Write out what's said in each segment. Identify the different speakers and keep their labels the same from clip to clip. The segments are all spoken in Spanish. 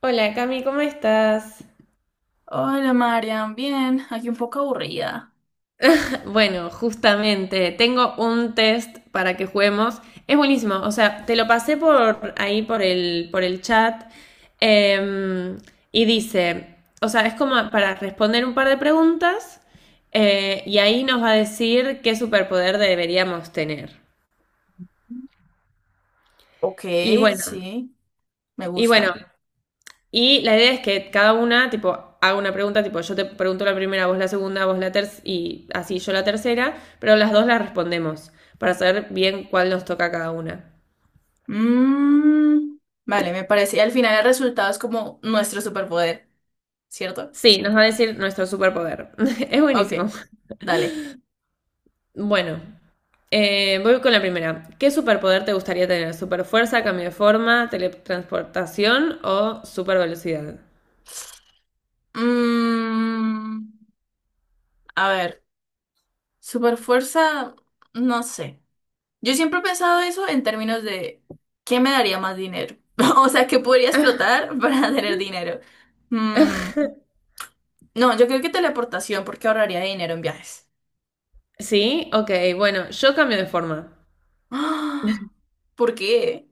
Speaker 1: Hola Cami, ¿cómo estás?
Speaker 2: Hola, Marian, bien, aquí un poco aburrida.
Speaker 1: Bueno, justamente, tengo un test para que juguemos. Es buenísimo, o sea, te lo pasé por ahí por el chat em, y dice, o sea, es como para responder un par de preguntas y ahí nos va a decir qué superpoder deberíamos tener.
Speaker 2: Ok,
Speaker 1: Y
Speaker 2: sí, me gusta.
Speaker 1: bueno, y la idea es que cada una, tipo, haga una pregunta, tipo, yo te pregunto la primera, vos la segunda, vos la tercera, y así yo la tercera, pero las dos las respondemos para saber bien cuál nos toca a cada una.
Speaker 2: Mm, vale, me parece. Y al final el resultado es como nuestro superpoder, ¿cierto?
Speaker 1: Sí, nos va a decir nuestro superpoder. Es
Speaker 2: Ok,
Speaker 1: buenísimo.
Speaker 2: dale.
Speaker 1: Bueno, voy con la primera. ¿Qué superpoder te gustaría tener? ¿Superfuerza, cambio de forma, teletransportación o supervelocidad?
Speaker 2: Mm, a ver, superfuerza, no sé. Yo siempre he pensado eso en términos de ¿qué me daría más dinero? O sea, ¿qué podría explotar para tener dinero? Mm, no, yo creo que teleportación, porque ahorraría dinero en viajes.
Speaker 1: Sí, ok, bueno, yo cambio de forma.
Speaker 2: ¡Ah! ¿Por qué?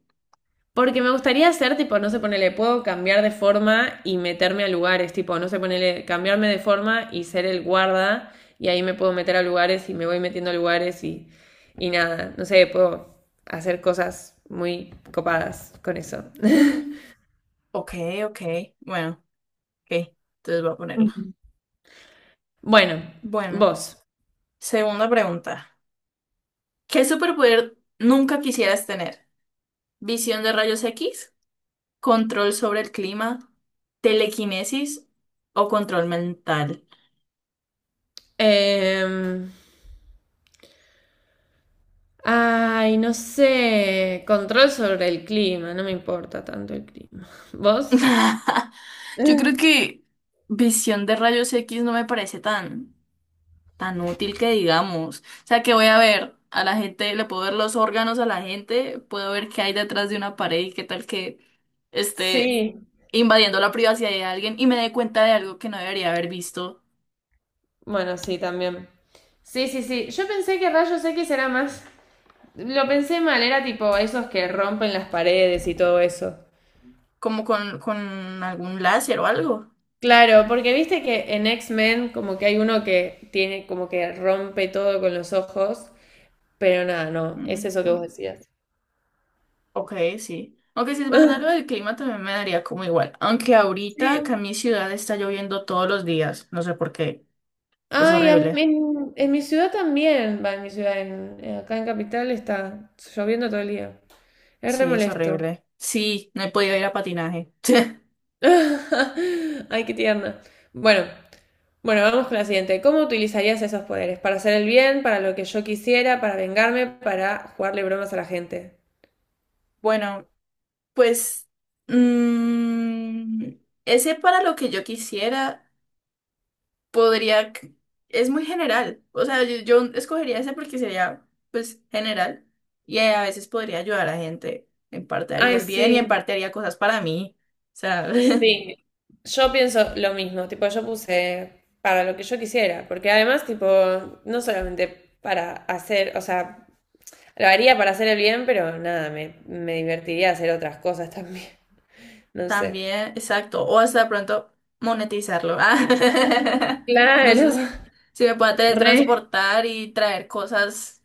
Speaker 1: Porque me gustaría hacer, tipo, no sé, ponele, puedo cambiar de forma y meterme a lugares, tipo, no sé, ponele, cambiarme de forma y ser el guarda, y ahí me puedo meter a lugares y me voy metiendo a lugares y nada, no sé, puedo hacer cosas muy copadas con eso.
Speaker 2: Mm. Ok, ok. Bueno, ok. Entonces voy a ponerlo.
Speaker 1: Bueno,
Speaker 2: Bueno,
Speaker 1: vos.
Speaker 2: segunda pregunta. ¿Qué superpoder nunca quisieras tener? ¿Visión de rayos X? ¿Control sobre el clima? ¿Telequinesis? ¿O control mental?
Speaker 1: Em, Ay, no sé, control sobre el clima, no me importa tanto el clima. ¿Vos?
Speaker 2: Yo creo que visión de rayos X no me parece tan tan útil que digamos. O sea, que voy a ver a la gente, le puedo ver los órganos a la gente, puedo ver qué hay detrás de una pared y qué tal que esté
Speaker 1: Sí.
Speaker 2: invadiendo la privacidad de alguien y me dé cuenta de algo que no debería haber visto,
Speaker 1: Bueno, sí, también. Sí, sí, sí. Yo pensé que rayos X era más. Lo pensé mal, era tipo esos que rompen las paredes y todo eso.
Speaker 2: como con algún láser o algo.
Speaker 1: Claro, porque viste que en X-Men como que hay uno que tiene como que rompe todo con los ojos, pero nada, no, es
Speaker 2: Mm,
Speaker 1: eso que vos decías.
Speaker 2: ok, sí. Aunque si es verdad lo del clima también me daría como igual. Aunque ahorita
Speaker 1: Sí.
Speaker 2: acá en mi ciudad está lloviendo todos los días. No sé por qué. Es
Speaker 1: Ay,
Speaker 2: horrible.
Speaker 1: en mi ciudad también, va, en mi ciudad, en- acá en Capital está lloviendo todo el día. Es re
Speaker 2: Sí, es
Speaker 1: molesto.
Speaker 2: horrible. Sí, no he podido ir a patinaje.
Speaker 1: Ay, qué tierna. Bueno, bueno, vamos con la siguiente. ¿Cómo utilizarías esos poderes? ¿Para hacer el bien? ¿Para lo que yo quisiera? ¿Para vengarme? ¿Para jugarle bromas a la gente?
Speaker 2: Bueno, pues mm, ese para lo que yo quisiera podría, c- es muy general, o sea, yo escogería ese porque sería pues general y a veces podría ayudar a gente, en parte haría
Speaker 1: Ay,
Speaker 2: el bien y en
Speaker 1: sí,
Speaker 2: parte haría cosas para mí, o sea.
Speaker 1: sí. Yo pienso lo mismo, tipo, yo puse para lo que yo quisiera, porque además, tipo, no solamente para hacer, o sea, lo haría para hacer el bien, pero nada, me divertiría hacer otras cosas también, no sé.
Speaker 2: También, exacto. O hasta de pronto monetizarlo. Ah, no
Speaker 1: Claro,
Speaker 2: sé si me pueda
Speaker 1: re,
Speaker 2: teletransportar y traer cosas,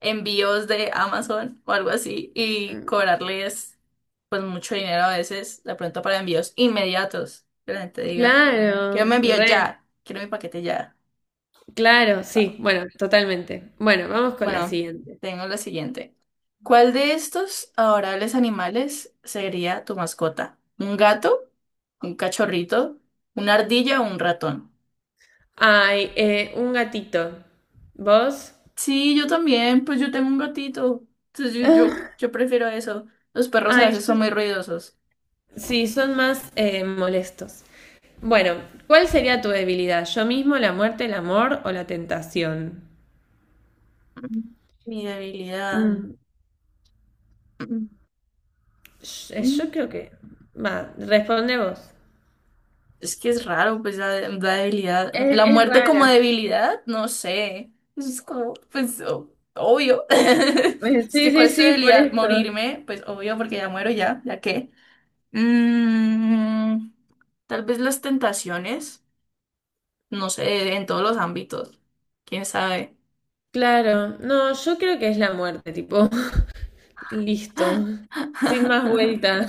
Speaker 2: envíos de Amazon o algo así, y cobrarles pues mucho dinero a veces, de pronto para envíos inmediatos. Que la gente diga, quiero mi
Speaker 1: claro,
Speaker 2: envío
Speaker 1: re.
Speaker 2: ya, quiero mi paquete ya.
Speaker 1: Claro, sí, bueno, totalmente. Bueno, vamos con la
Speaker 2: Bueno,
Speaker 1: siguiente.
Speaker 2: tengo la siguiente. ¿Cuál de estos adorables animales sería tu mascota? ¿Un gato? ¿Un cachorrito? ¿Una ardilla o un ratón?
Speaker 1: Ay, un gatito. ¿Vos?
Speaker 2: Sí, yo también, pues yo tengo un gatito. Entonces yo prefiero eso. Los perros
Speaker 1: Ah,
Speaker 2: a
Speaker 1: ay,
Speaker 2: veces son muy ruidosos.
Speaker 1: sí, son más molestos. Bueno, ¿cuál sería tu debilidad? ¿Yo mismo, la muerte, el amor o la tentación?
Speaker 2: Mm, mi debilidad.
Speaker 1: Mm,
Speaker 2: Mm.
Speaker 1: Yo
Speaker 2: Mm.
Speaker 1: creo que... Va, responde vos.
Speaker 2: Es que es raro, pues la debilidad, la
Speaker 1: Es
Speaker 2: muerte como
Speaker 1: rara.
Speaker 2: debilidad, no sé. Pues es como, pues, obvio. Es
Speaker 1: Sí,
Speaker 2: que, ¿cuál
Speaker 1: sí,
Speaker 2: es tu
Speaker 1: sí, por
Speaker 2: debilidad?
Speaker 1: esto.
Speaker 2: Morirme, pues, obvio, porque ya muero ya, ¿ya qué? Mm, tal vez las tentaciones, no sé, en todos los ámbitos, quién sabe.
Speaker 1: Claro, no, yo creo que es la muerte, tipo, listo, sin más vuelta.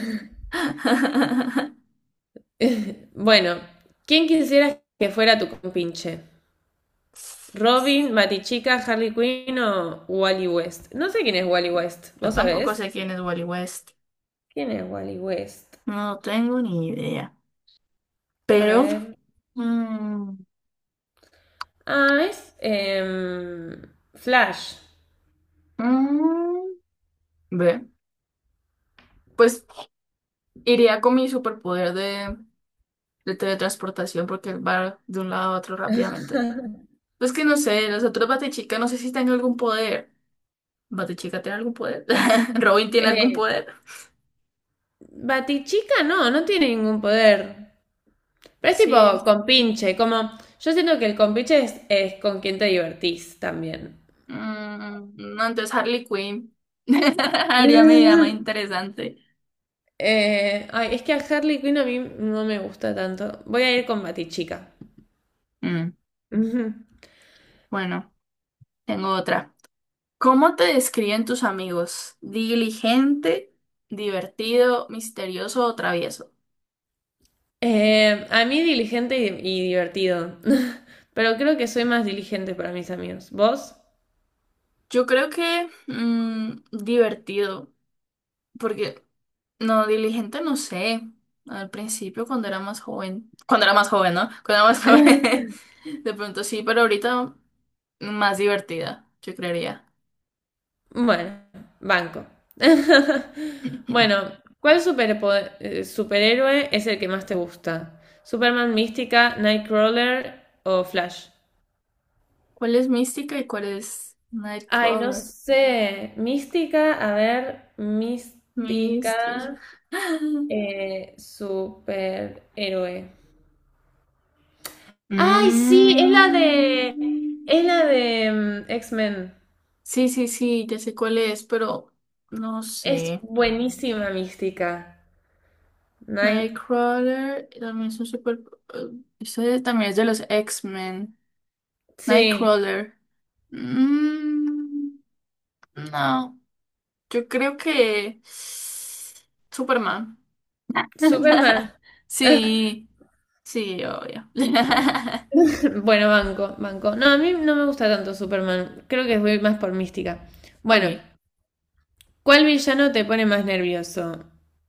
Speaker 1: Bueno, ¿quién quisieras que fuera tu compinche? ¿Robin, Matichica, Harley Quinn o Wally West? No sé quién es Wally West,
Speaker 2: Yo
Speaker 1: ¿vos
Speaker 2: tampoco
Speaker 1: sabés?
Speaker 2: sé quién es Wally West,
Speaker 1: ¿Quién es Wally West?
Speaker 2: no tengo ni idea.
Speaker 1: A
Speaker 2: Pero
Speaker 1: ver.
Speaker 2: mm,
Speaker 1: Ah, es Flash.
Speaker 2: mm, ve. Pues iría con mi superpoder de teletransportación porque va de un lado a otro rápidamente. Pues que no sé, los otros Batichica no sé si tienen algún poder. ¿Batichica tiene algún poder? ¿Robin tiene algún
Speaker 1: Eh,
Speaker 2: poder?
Speaker 1: Batichica no tiene ningún poder. Pero es tipo
Speaker 2: Sí.
Speaker 1: compinche, como yo siento que el compinche es con quien te divertís también.
Speaker 2: Mm, no, entonces Harley Quinn. Haría mi vida más interesante.
Speaker 1: Ay, es que a Harley Quinn a mí no me gusta tanto. Voy a ir con Batichica.
Speaker 2: Mm,
Speaker 1: Ujú.
Speaker 2: bueno, tengo otra. ¿Cómo te describen tus amigos? ¿Diligente, divertido, misterioso o travieso?
Speaker 1: A mí diligente y divertido. Pero creo que soy más diligente para mis amigos. ¿Vos?
Speaker 2: Yo creo que divertido. Porque no, diligente no sé. Al principio, cuando era más joven. Cuando era más joven, ¿no? Cuando era más joven. De pronto sí, pero ahorita más divertida, yo creería.
Speaker 1: Bueno, banco. Bueno, ¿cuál superhéroe es el que más te gusta? ¿Superman, Mística, Nightcrawler o Flash?
Speaker 2: ¿Cuál es Mística y cuál es
Speaker 1: Ay, no
Speaker 2: Nightcrawler?
Speaker 1: sé. Mística, a ver,
Speaker 2: Mística.
Speaker 1: Mística. Superhéroe. ¡Ay, sí! Es la
Speaker 2: Mm.
Speaker 1: de. Es la de X-Men.
Speaker 2: Sí, sí, sí, ya sé cuál es, pero no
Speaker 1: Es
Speaker 2: sé.
Speaker 1: buenísima mística. Night.
Speaker 2: Nightcrawler también es un super eh, eso también es de los X-Men.
Speaker 1: Sí.
Speaker 2: Nightcrawler. Mm, no, yo creo que Superman.
Speaker 1: Superman.
Speaker 2: Sí, sí, obvio.
Speaker 1: Bueno, banco, banco. No, a mí no me gusta tanto Superman. Creo que voy más por mística. Bueno,
Speaker 2: Ok.
Speaker 1: ¿cuál villano te pone más nervioso?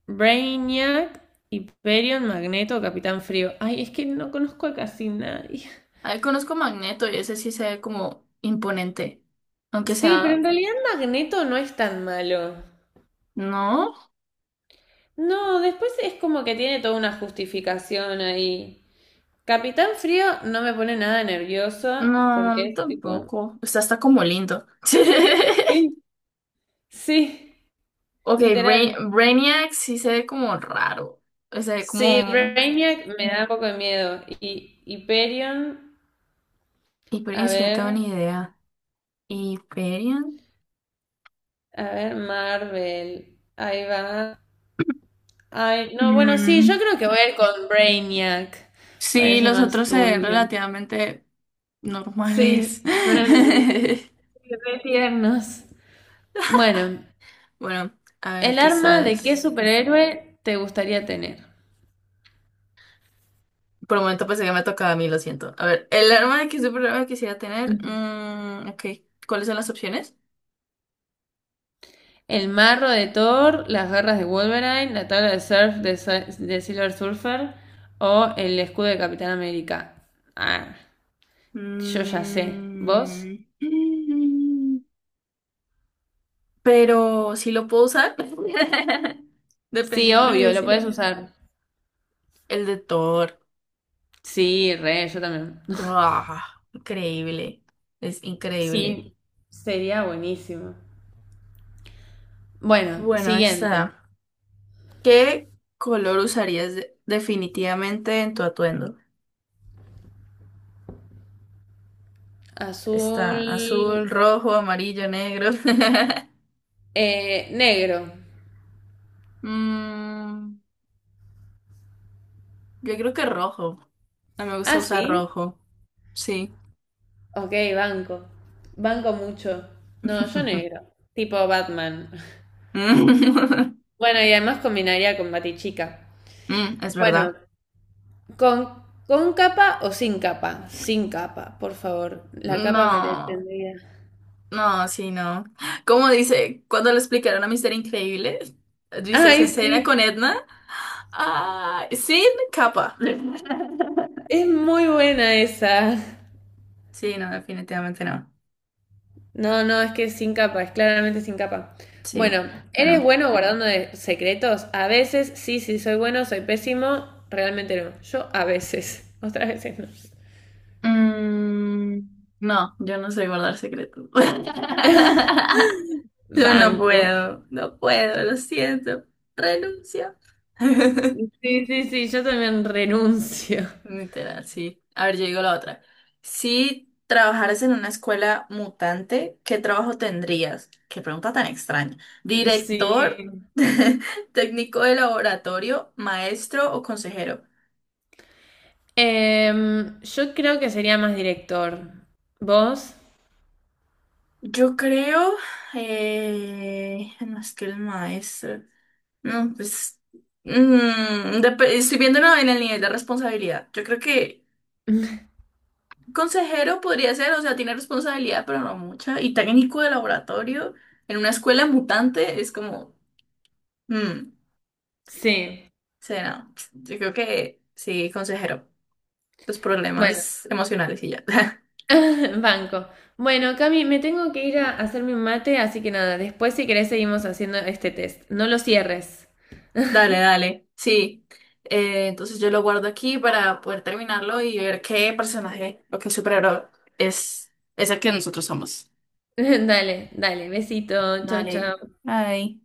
Speaker 1: Brainiac, Hyperion, Magneto, Capitán Frío. Ay, es que no conozco a casi nadie.
Speaker 2: Ahí conozco Magneto y ese sí se ve como imponente. Aunque
Speaker 1: Sí, pero en
Speaker 2: sea.
Speaker 1: realidad Magneto no es tan malo.
Speaker 2: No,
Speaker 1: No, después es como que tiene toda una justificación ahí. Capitán Frío no me pone nada nervioso porque
Speaker 2: no,
Speaker 1: es tipo...
Speaker 2: tampoco. Está hasta como lindo.
Speaker 1: Sí, sí,
Speaker 2: Ok,
Speaker 1: literal.
Speaker 2: Brainiac sí se ve como raro. O sea,
Speaker 1: Sí,
Speaker 2: como.
Speaker 1: Brainiac me da un poco de miedo. Y Hyperion, a
Speaker 2: Hyperion, sí, no tengo
Speaker 1: ver,
Speaker 2: ni idea. Hyperion.
Speaker 1: a ver, Marvel. Ahí va. Ay, no, bueno, sí, yo
Speaker 2: Mm,
Speaker 1: creo que voy a ir con Brainiac.
Speaker 2: sí,
Speaker 1: Parece
Speaker 2: los
Speaker 1: más
Speaker 2: otros se ven
Speaker 1: turbio.
Speaker 2: relativamente normales.
Speaker 1: Sí, friendly. Re tiernos. Bueno,
Speaker 2: Bueno, a ver,
Speaker 1: ¿el
Speaker 2: ¿qué
Speaker 1: arma de qué
Speaker 2: sabes?
Speaker 1: superhéroe te gustaría tener?
Speaker 2: Por un momento pensé que me tocaba a mí, lo siento. A ver, el arma que superhéroe quisiera tener.
Speaker 1: Ujú.
Speaker 2: Ok, ¿cuáles son las opciones?
Speaker 1: El marro de Thor, las garras de Wolverine, la tabla de surf de, de Silver Surfer o el escudo de Capitán América. Ah, yo ya sé. ¿Vos?
Speaker 2: Mm, mm, pero si lo puedo usar,
Speaker 1: Sí,
Speaker 2: dependiendo
Speaker 1: obvio,
Speaker 2: si
Speaker 1: lo
Speaker 2: es,
Speaker 1: podés
Speaker 2: ¿no?
Speaker 1: usar.
Speaker 2: El de Thor.
Speaker 1: Sí, re, yo también.
Speaker 2: Ah, increíble, es increíble.
Speaker 1: Sí, sería buenísimo. Bueno,
Speaker 2: Bueno,
Speaker 1: siguiente.
Speaker 2: está. ¿Qué color usarías definitivamente en tu atuendo?
Speaker 1: Azul,
Speaker 2: Está azul, rojo, amarillo, negro.
Speaker 1: negro.
Speaker 2: Mm, yo creo que rojo. A mí me gusta
Speaker 1: Ah,
Speaker 2: usar
Speaker 1: sí.
Speaker 2: rojo. Sí.
Speaker 1: Ok, banco. Banco mucho. No, yo negro. Tipo Batman.
Speaker 2: Mm,
Speaker 1: Bueno, y además combinaría con Batichica.
Speaker 2: mm, es
Speaker 1: Bueno,
Speaker 2: verdad.
Speaker 1: con capa o sin capa. Sin capa, por favor. La capa me
Speaker 2: No,
Speaker 1: detendría.
Speaker 2: no, sí, no. Como dice, cuando le explicaron a Mister Increíble, dice esa
Speaker 1: Ay,
Speaker 2: escena con
Speaker 1: sí.
Speaker 2: Edna, ah, sin capa.
Speaker 1: Es muy buena esa.
Speaker 2: Sí, no, definitivamente no.
Speaker 1: No, no, es que es sin capa. Es claramente sin capa.
Speaker 2: Sí,
Speaker 1: Bueno,
Speaker 2: bueno.
Speaker 1: ¿eres bueno guardando secretos? A veces, sí, sí, soy bueno, soy pésimo. Realmente no. Yo a veces. Otras veces no.
Speaker 2: Mm, no, yo no sé guardar secretos. Yo no
Speaker 1: Banco.
Speaker 2: puedo, no puedo, lo siento. Renuncio.
Speaker 1: Sí, sí, sí, yo también renuncio.
Speaker 2: Literal, sí. A ver, yo digo la otra. Si trabajaras en una escuela mutante, ¿qué trabajo tendrías? Qué pregunta tan extraña. ¿Director,
Speaker 1: Sí.
Speaker 2: técnico de laboratorio, maestro o consejero?
Speaker 1: Yo creo que sería más director. ¿Vos?
Speaker 2: Yo creo, no, es que el maestro. No, pues estoy viéndolo en el nivel de responsabilidad. Yo creo que consejero podría ser, o sea, tiene responsabilidad, pero no mucha. Y técnico de laboratorio en una escuela mutante es como, mm,
Speaker 1: Sí.
Speaker 2: sí, no. Yo creo que sí, consejero. Los
Speaker 1: Bueno,
Speaker 2: problemas emocionales y ya.
Speaker 1: banco. Bueno, Cami, me tengo que ir a hacerme un mate, así que nada, después si querés seguimos haciendo este test. No lo cierres.
Speaker 2: Dale, dale, sí. Entonces yo lo guardo aquí para poder terminarlo y ver qué personaje o qué superhéroe es, es el que nosotros somos.
Speaker 1: Dale, dale, besito, chau,
Speaker 2: Dale,
Speaker 1: chau.
Speaker 2: bye.